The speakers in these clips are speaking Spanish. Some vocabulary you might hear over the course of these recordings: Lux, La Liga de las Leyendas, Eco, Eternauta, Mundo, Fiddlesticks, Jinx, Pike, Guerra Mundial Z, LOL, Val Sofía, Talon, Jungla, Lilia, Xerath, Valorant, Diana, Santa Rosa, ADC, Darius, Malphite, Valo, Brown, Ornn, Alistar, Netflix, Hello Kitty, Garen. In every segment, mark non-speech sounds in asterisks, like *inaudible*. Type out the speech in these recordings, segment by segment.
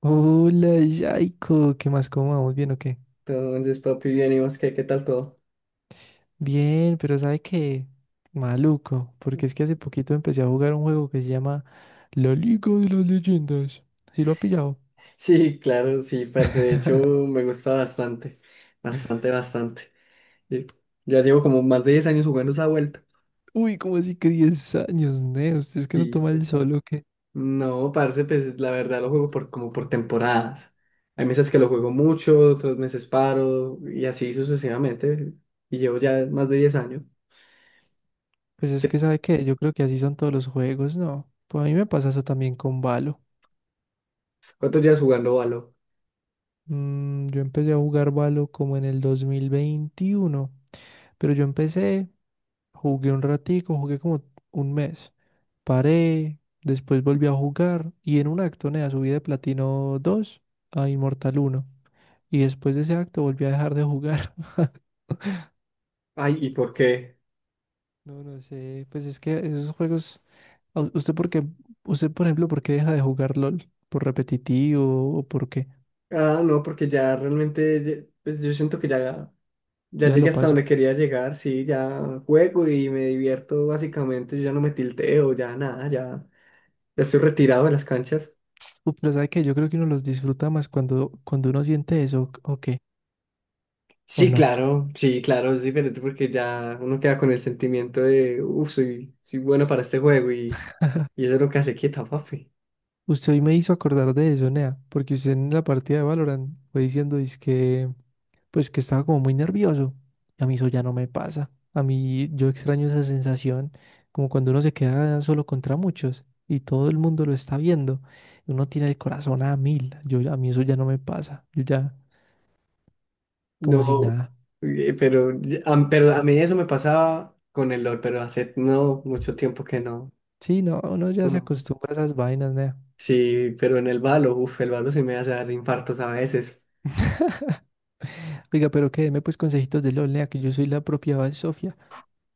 Hola, Yaiko, ¿qué más? ¿Cómo vamos? ¿Bien o qué? Entonces, papi, bien, ¿y vos qué, qué tal todo? Bien, pero ¿sabe qué? Maluco, porque es que hace poquito empecé a jugar un juego que se llama La Liga de las Leyendas. ¿Sí lo ha pillado? Sí, claro, sí, parce, de hecho *laughs* me gusta bastante, bastante, bastante. Y Ya llevo como más de 10 años jugando esa vuelta. Uy, ¿cómo así que 10 años, ne? Usted es que no Y toma pues, el solo, que... no, parce, pues la verdad lo juego por, como por temporadas. Hay meses que lo juego mucho, otros meses paro, y así sucesivamente. Y llevo ya más de 10 años. Pues es que, ¿Qué- ¿sabe qué? Yo creo que así son todos los juegos, ¿no? Pues a mí me pasa eso también con Valo. ¿Cuántos días jugando Valo? Yo empecé a jugar Valo como en el 2021, pero yo empecé jugué un ratico, jugué como un mes. Paré, después volví a jugar y en un acto, nea, subí de Platino 2 a Inmortal 1. Y después de ese acto volví a dejar de jugar. *laughs* Ay, ¿y por qué? No, no sé, pues es que esos juegos, a- usted por qué, usted por ejemplo, ¿por qué deja de jugar LOL? ¿Por repetitivo o por qué? Ah, no, porque ya realmente, pues yo siento que ya Ya llegué lo hasta donde pasó. quería llegar, sí, ya juego y me divierto básicamente, yo ya no me tilteo, ya nada, ya, ya estoy retirado de las canchas. Pero ¿sabe qué? Yo creo que uno los disfruta más cuando, cuando uno siente eso, ¿o qué? ¿O Sí, no? claro, sí, claro, es diferente porque ya uno queda con el sentimiento de, uff, soy bueno para este juego y, eso es lo que hace quieta, papi. Usted hoy me hizo acordar de eso, Nea, porque usted en la partida de Valorant fue diciendo, pues que estaba como muy nervioso. Y a mí eso ya no me pasa. A mí yo extraño esa sensación, como cuando uno se queda solo contra muchos y todo el mundo lo está viendo. Uno tiene el corazón a mil. A mí eso ya no me pasa. Yo ya como si No, nada. Pero a mí eso me pasaba con el LOL, pero hace no mucho tiempo que no. Sí, no, uno ya No. se No. acostumbra a esas vainas, nea. Sí, pero en el balo, uff, el balo se me hace dar infartos a veces. Oiga, pero que deme pues consejitos de LOL, nea, que yo soy la propia Val Sofía.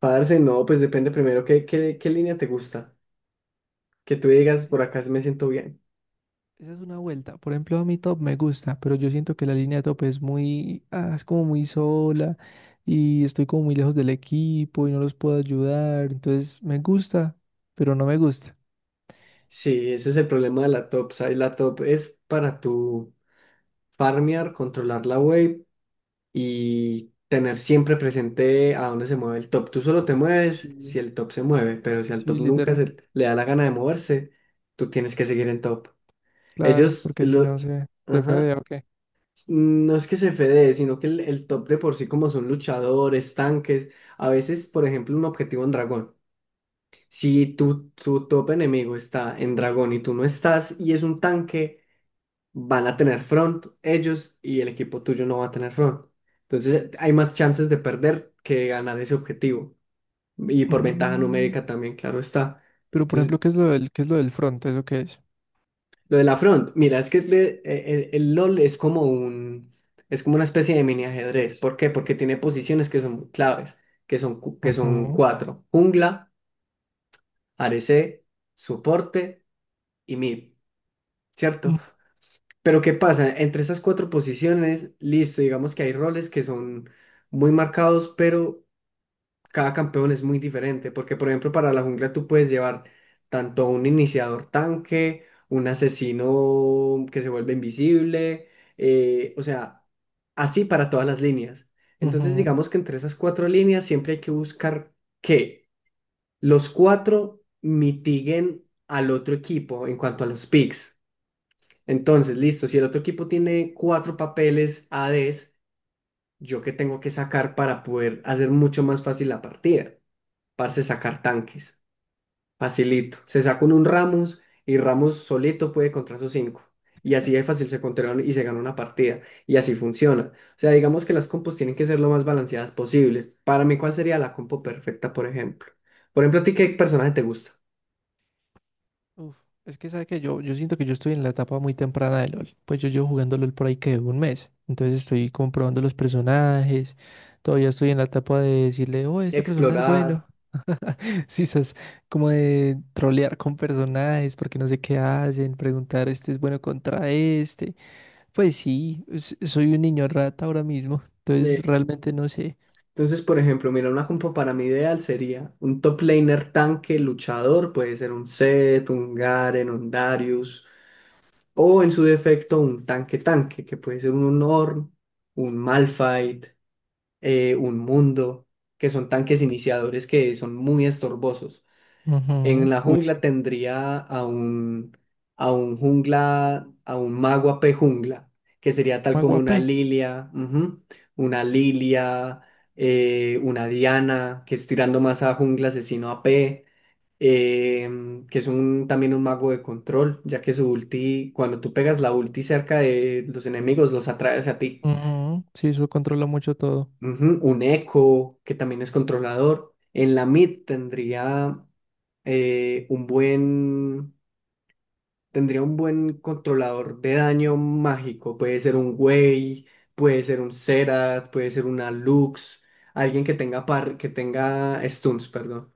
Parce, no, pues depende primero qué línea te gusta. Que tú digas, por acá me siento bien. Esa es una vuelta. Por ejemplo, a mi top me gusta, pero yo siento que la línea de top es como muy sola y estoy como muy lejos del equipo y no los puedo ayudar. Entonces, me gusta, pero no me gusta. Sí, ese es el problema de la top. O sea, la top es para tu farmear, controlar la wave y tener siempre presente a dónde se mueve el top. Tú solo te mueves Sí. si el top se mueve, pero si al Sí, top nunca literal. se le da la gana de moverse, tú tienes que seguir en top. Claro, Ellos, porque si lo, no se ajá, fedea o qué. no es que se fedee, sino que el top de por sí, como son luchadores, tanques, a veces, por ejemplo, un objetivo en dragón. Si tu top enemigo está en dragón y tú no estás y es un tanque, van a tener front ellos y el equipo tuyo no va a tener front. Entonces hay más chances de perder que de ganar ese objetivo. Y por ventaja Mm, numérica también, claro está. Pero por Entonces, ejemplo, ¿qué es lo del front? ¿Eso qué es? lo de la front, mira, es que el LOL es como una especie de mini ajedrez. ¿Por qué? Porque tiene posiciones que son claves, que son Ujú, cuatro. Jungla, ADC, soporte y mid, ¿cierto? ujú, Pero ¿qué pasa? Entre esas cuatro posiciones, listo, digamos que hay roles que son muy marcados, pero cada campeón es muy diferente, porque por ejemplo para la jungla tú puedes llevar tanto un iniciador tanque, un asesino que se vuelve invisible, o sea, así para todas las líneas. Entonces ujú. digamos que entre esas cuatro líneas siempre hay que buscar que los cuatro mitiguen al otro equipo en cuanto a los picks. Entonces, listo, si el otro equipo tiene cuatro papeles ADs, ¿yo qué tengo que sacar para poder hacer mucho más fácil la partida? Parce, sacar tanques. Facilito. Se saca uno un Ramos y Ramos solito puede contra sus cinco. Y así de fácil se controlan y se gana una partida. Y así funciona. O sea, digamos que las compos tienen que ser lo más balanceadas posibles. Para mí, ¿cuál sería la compo perfecta, por ejemplo? Por ejemplo, ¿a ti qué personaje te gusta? Uf, es que sabe que yo siento que yo estoy en la etapa muy temprana de LOL. Pues yo llevo jugando LOL por ahí que un mes. Entonces estoy comprobando los personajes. Todavía estoy en la etapa de decirle, oh, este personaje es bueno. Explorar, *laughs* Sí, esas como de trolear con personajes porque no sé qué hacen, preguntar, este es bueno contra este. Pues sí, soy un niño rata ahora mismo. Entonces eh, realmente no sé. entonces, por ejemplo, mira, una compo para mi ideal sería un top laner tanque luchador, puede ser un Zed, un Garen, un Darius, o en su defecto un tanque tanque, que puede ser un Ornn, un Malphite, un Mundo, que son tanques iniciadores que son muy estorbosos. En Ujú, la Uy, jungla sí. tendría a un jungla, a un mago AP jungla, que sería tal Me como guapé. una Lilia, ujú, una Lilia, una Diana, que es tirando más a jungla asesino AP, que es también un mago de control, ya que su ulti, cuando tú pegas la ulti cerca de los enemigos, los atraes a ti. Ujú, Sí, eso controla mucho todo. Ujú. Un eco que también es controlador. En la mid eh, un buen tendría un buen controlador de daño mágico. Puede ser un Wei, puede ser un Xerath, puede ser una Lux. Alguien que tenga stuns, perdón.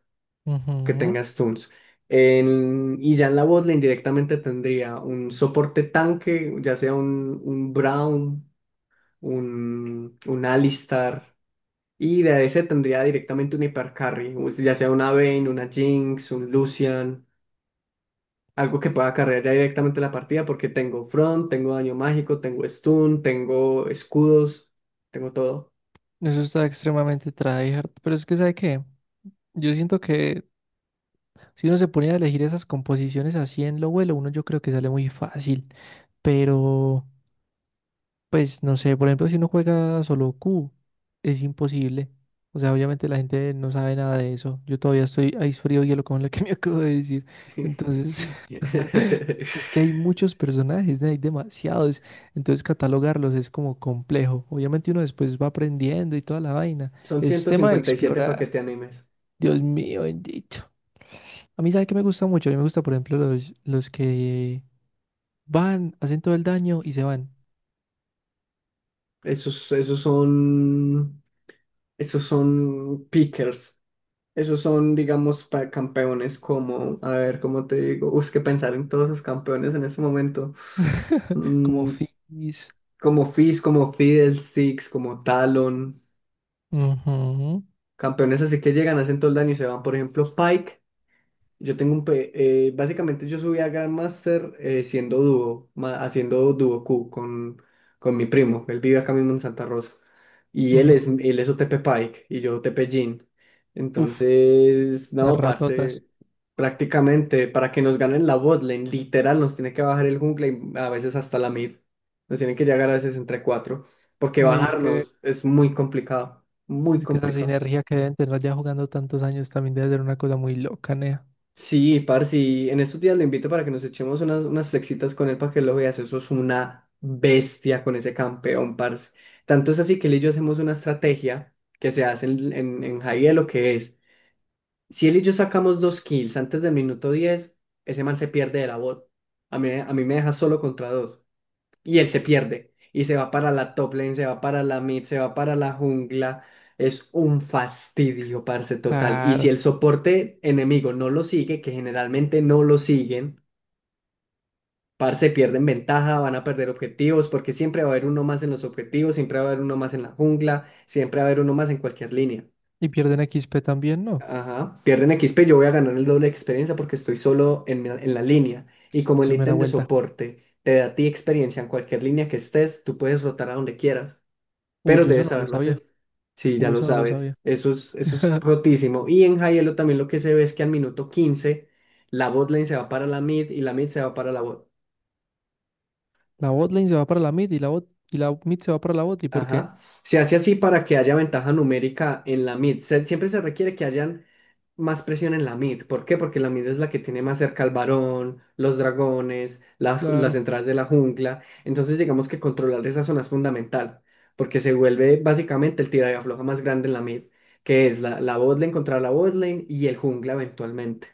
Que Ujú. tenga stuns. Y ya en la botlane directamente tendría un soporte tanque, ya sea un Brown, un Alistar. Y de ese tendría directamente un hipercarry, ya sea una Vayne, una Jinx, un Lucian algo que pueda cargar ya directamente la partida, porque tengo front, tengo daño mágico, tengo stun, tengo escudos, tengo todo. Eso está extremadamente tryhard, pero es que ¿sabe qué? Yo siento que si uno se pone a elegir esas composiciones así en lo vuelo, uno yo creo que sale muy fácil, pero pues no sé, por ejemplo, si uno juega solo Q, es imposible. O sea, obviamente la gente no sabe nada de eso. Yo todavía estoy ice frío hielo con lo que *laughs* me acabo de decir. Entonces, *laughs* *laughs* es que hay muchos personajes, ¿no? Hay demasiados. Entonces, catalogarlos es como complejo. Obviamente uno después va aprendiendo y toda la vaina. Son Es ciento tema de cincuenta y siete explorar. paquetes animes. Dios mío, bendito. A mí, ¿sabe qué me gusta mucho? A mí me gusta, por ejemplo, los que van, hacen todo el daño y se van. Esos, esos son, esos son pickers. Esos son, digamos, campeones como, a ver, ¿cómo te digo? Uy, es que pensar en todos esos campeones en este momento. *laughs* Como Mm, Fizz. Como Fizz, como Fiddlesticks, como Talon. Ujú, Campeones así que llegan, hacen todo el daño y se van. Por ejemplo, Pike. Yo tengo un... pe- Básicamente yo subí a Grandmaster siendo dúo, haciendo dúo Q con mi primo. Él vive acá mismo en Santa Rosa. Y él ujú. es, él es OTP Pike y yo OTP Jhin. Uf, Entonces, las no, ratotas. parce, prácticamente para que nos ganen la botlane, literal, nos tiene que bajar el jungle y a veces hasta la mid. Nos tiene que llegar a veces entre cuatro, porque No, y es que, bajarnos es muy complicado, muy es que esa complicado. sinergia que deben tener ya jugando tantos años también debe ser una cosa muy loca, nea. Sí, parce, y en estos días lo invito para que nos echemos unas, unas flexitas con él para que lo veas. Eso es una bestia con ese campeón, parce. Tanto es así que él y yo hacemos una estrategia que se hace en high de lo que es. Si él y yo sacamos dos kills antes del minuto 10 ese man se pierde de la bot. A mí me deja solo contra dos y él se pierde y se va para la top lane, se va para la mid, se va para la jungla. Es un fastidio, parce, total. Y Claro. si el soporte enemigo no lo sigue, que generalmente no lo siguen, parce, pierden ventaja, van a perder objetivos, porque siempre va a haber uno más en los objetivos, siempre va a haber uno más en la jungla, siempre va a haber uno más en cualquier línea. Y pierden XP también, ¿no? Ajá, pierden XP, yo voy a ganar el doble de experiencia porque estoy solo en, en la línea. Y como el Eso es mera ítem de vuelta. soporte te da a ti experiencia en cualquier línea que estés, tú puedes rotar a donde quieras. Uy, Pero yo eso debes no lo saberlo sabía. hacer. Sí, ya Uy, lo eso no lo sabes. sabía. Eso es *laughs* rotísimo. Y en Hielo también lo que se ve es que al minuto 15 la botlane se va para la mid y la mid se va para la bot. La bot lane se va para la mid y y la mid se va para la bot. ¿Y por qué? Ajá. Se hace así para que haya ventaja numérica en la mid. Siempre se requiere que hayan más presión en la mid. ¿Por qué? Porque la mid es la que tiene más cerca al varón, los dragones, las Claro. entradas de la jungla. Entonces, digamos que controlar esa zona es fundamental, porque se vuelve básicamente el tira y afloja más grande en la mid, que es la botlane contra la botlane y el jungla eventualmente.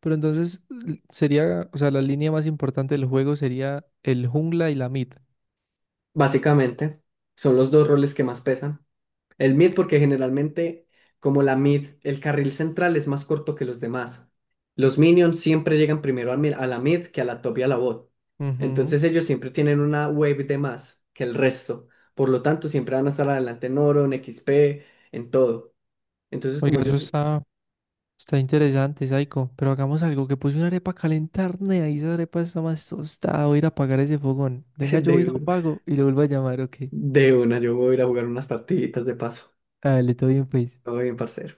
Pero entonces sería, o sea, la línea más importante del juego sería el jungla y la mid. Básicamente, son los dos roles que más pesan. El mid, porque generalmente, como la mid, el carril central es más corto que los demás. Los minions siempre llegan primero a la mid que a la top y a la bot. Ujú. Entonces ellos siempre tienen una wave de más que el resto. Por lo tanto, siempre van a estar adelante en oro, en XP, en todo. Entonces, como Oiga, eso ellos. está interesante, Saiko. Pero hagamos algo, que puse una arepa a calentar, nea, y esa arepa está más tostada. Voy a ir a apagar ese fogón. Venga, *laughs* yo voy de, y lo un- apago y lo vuelvo a llamar, ok. de una, yo voy a ir a jugar unas partiditas de paso. Dale, todo bien, pues. Todo bien, parcero.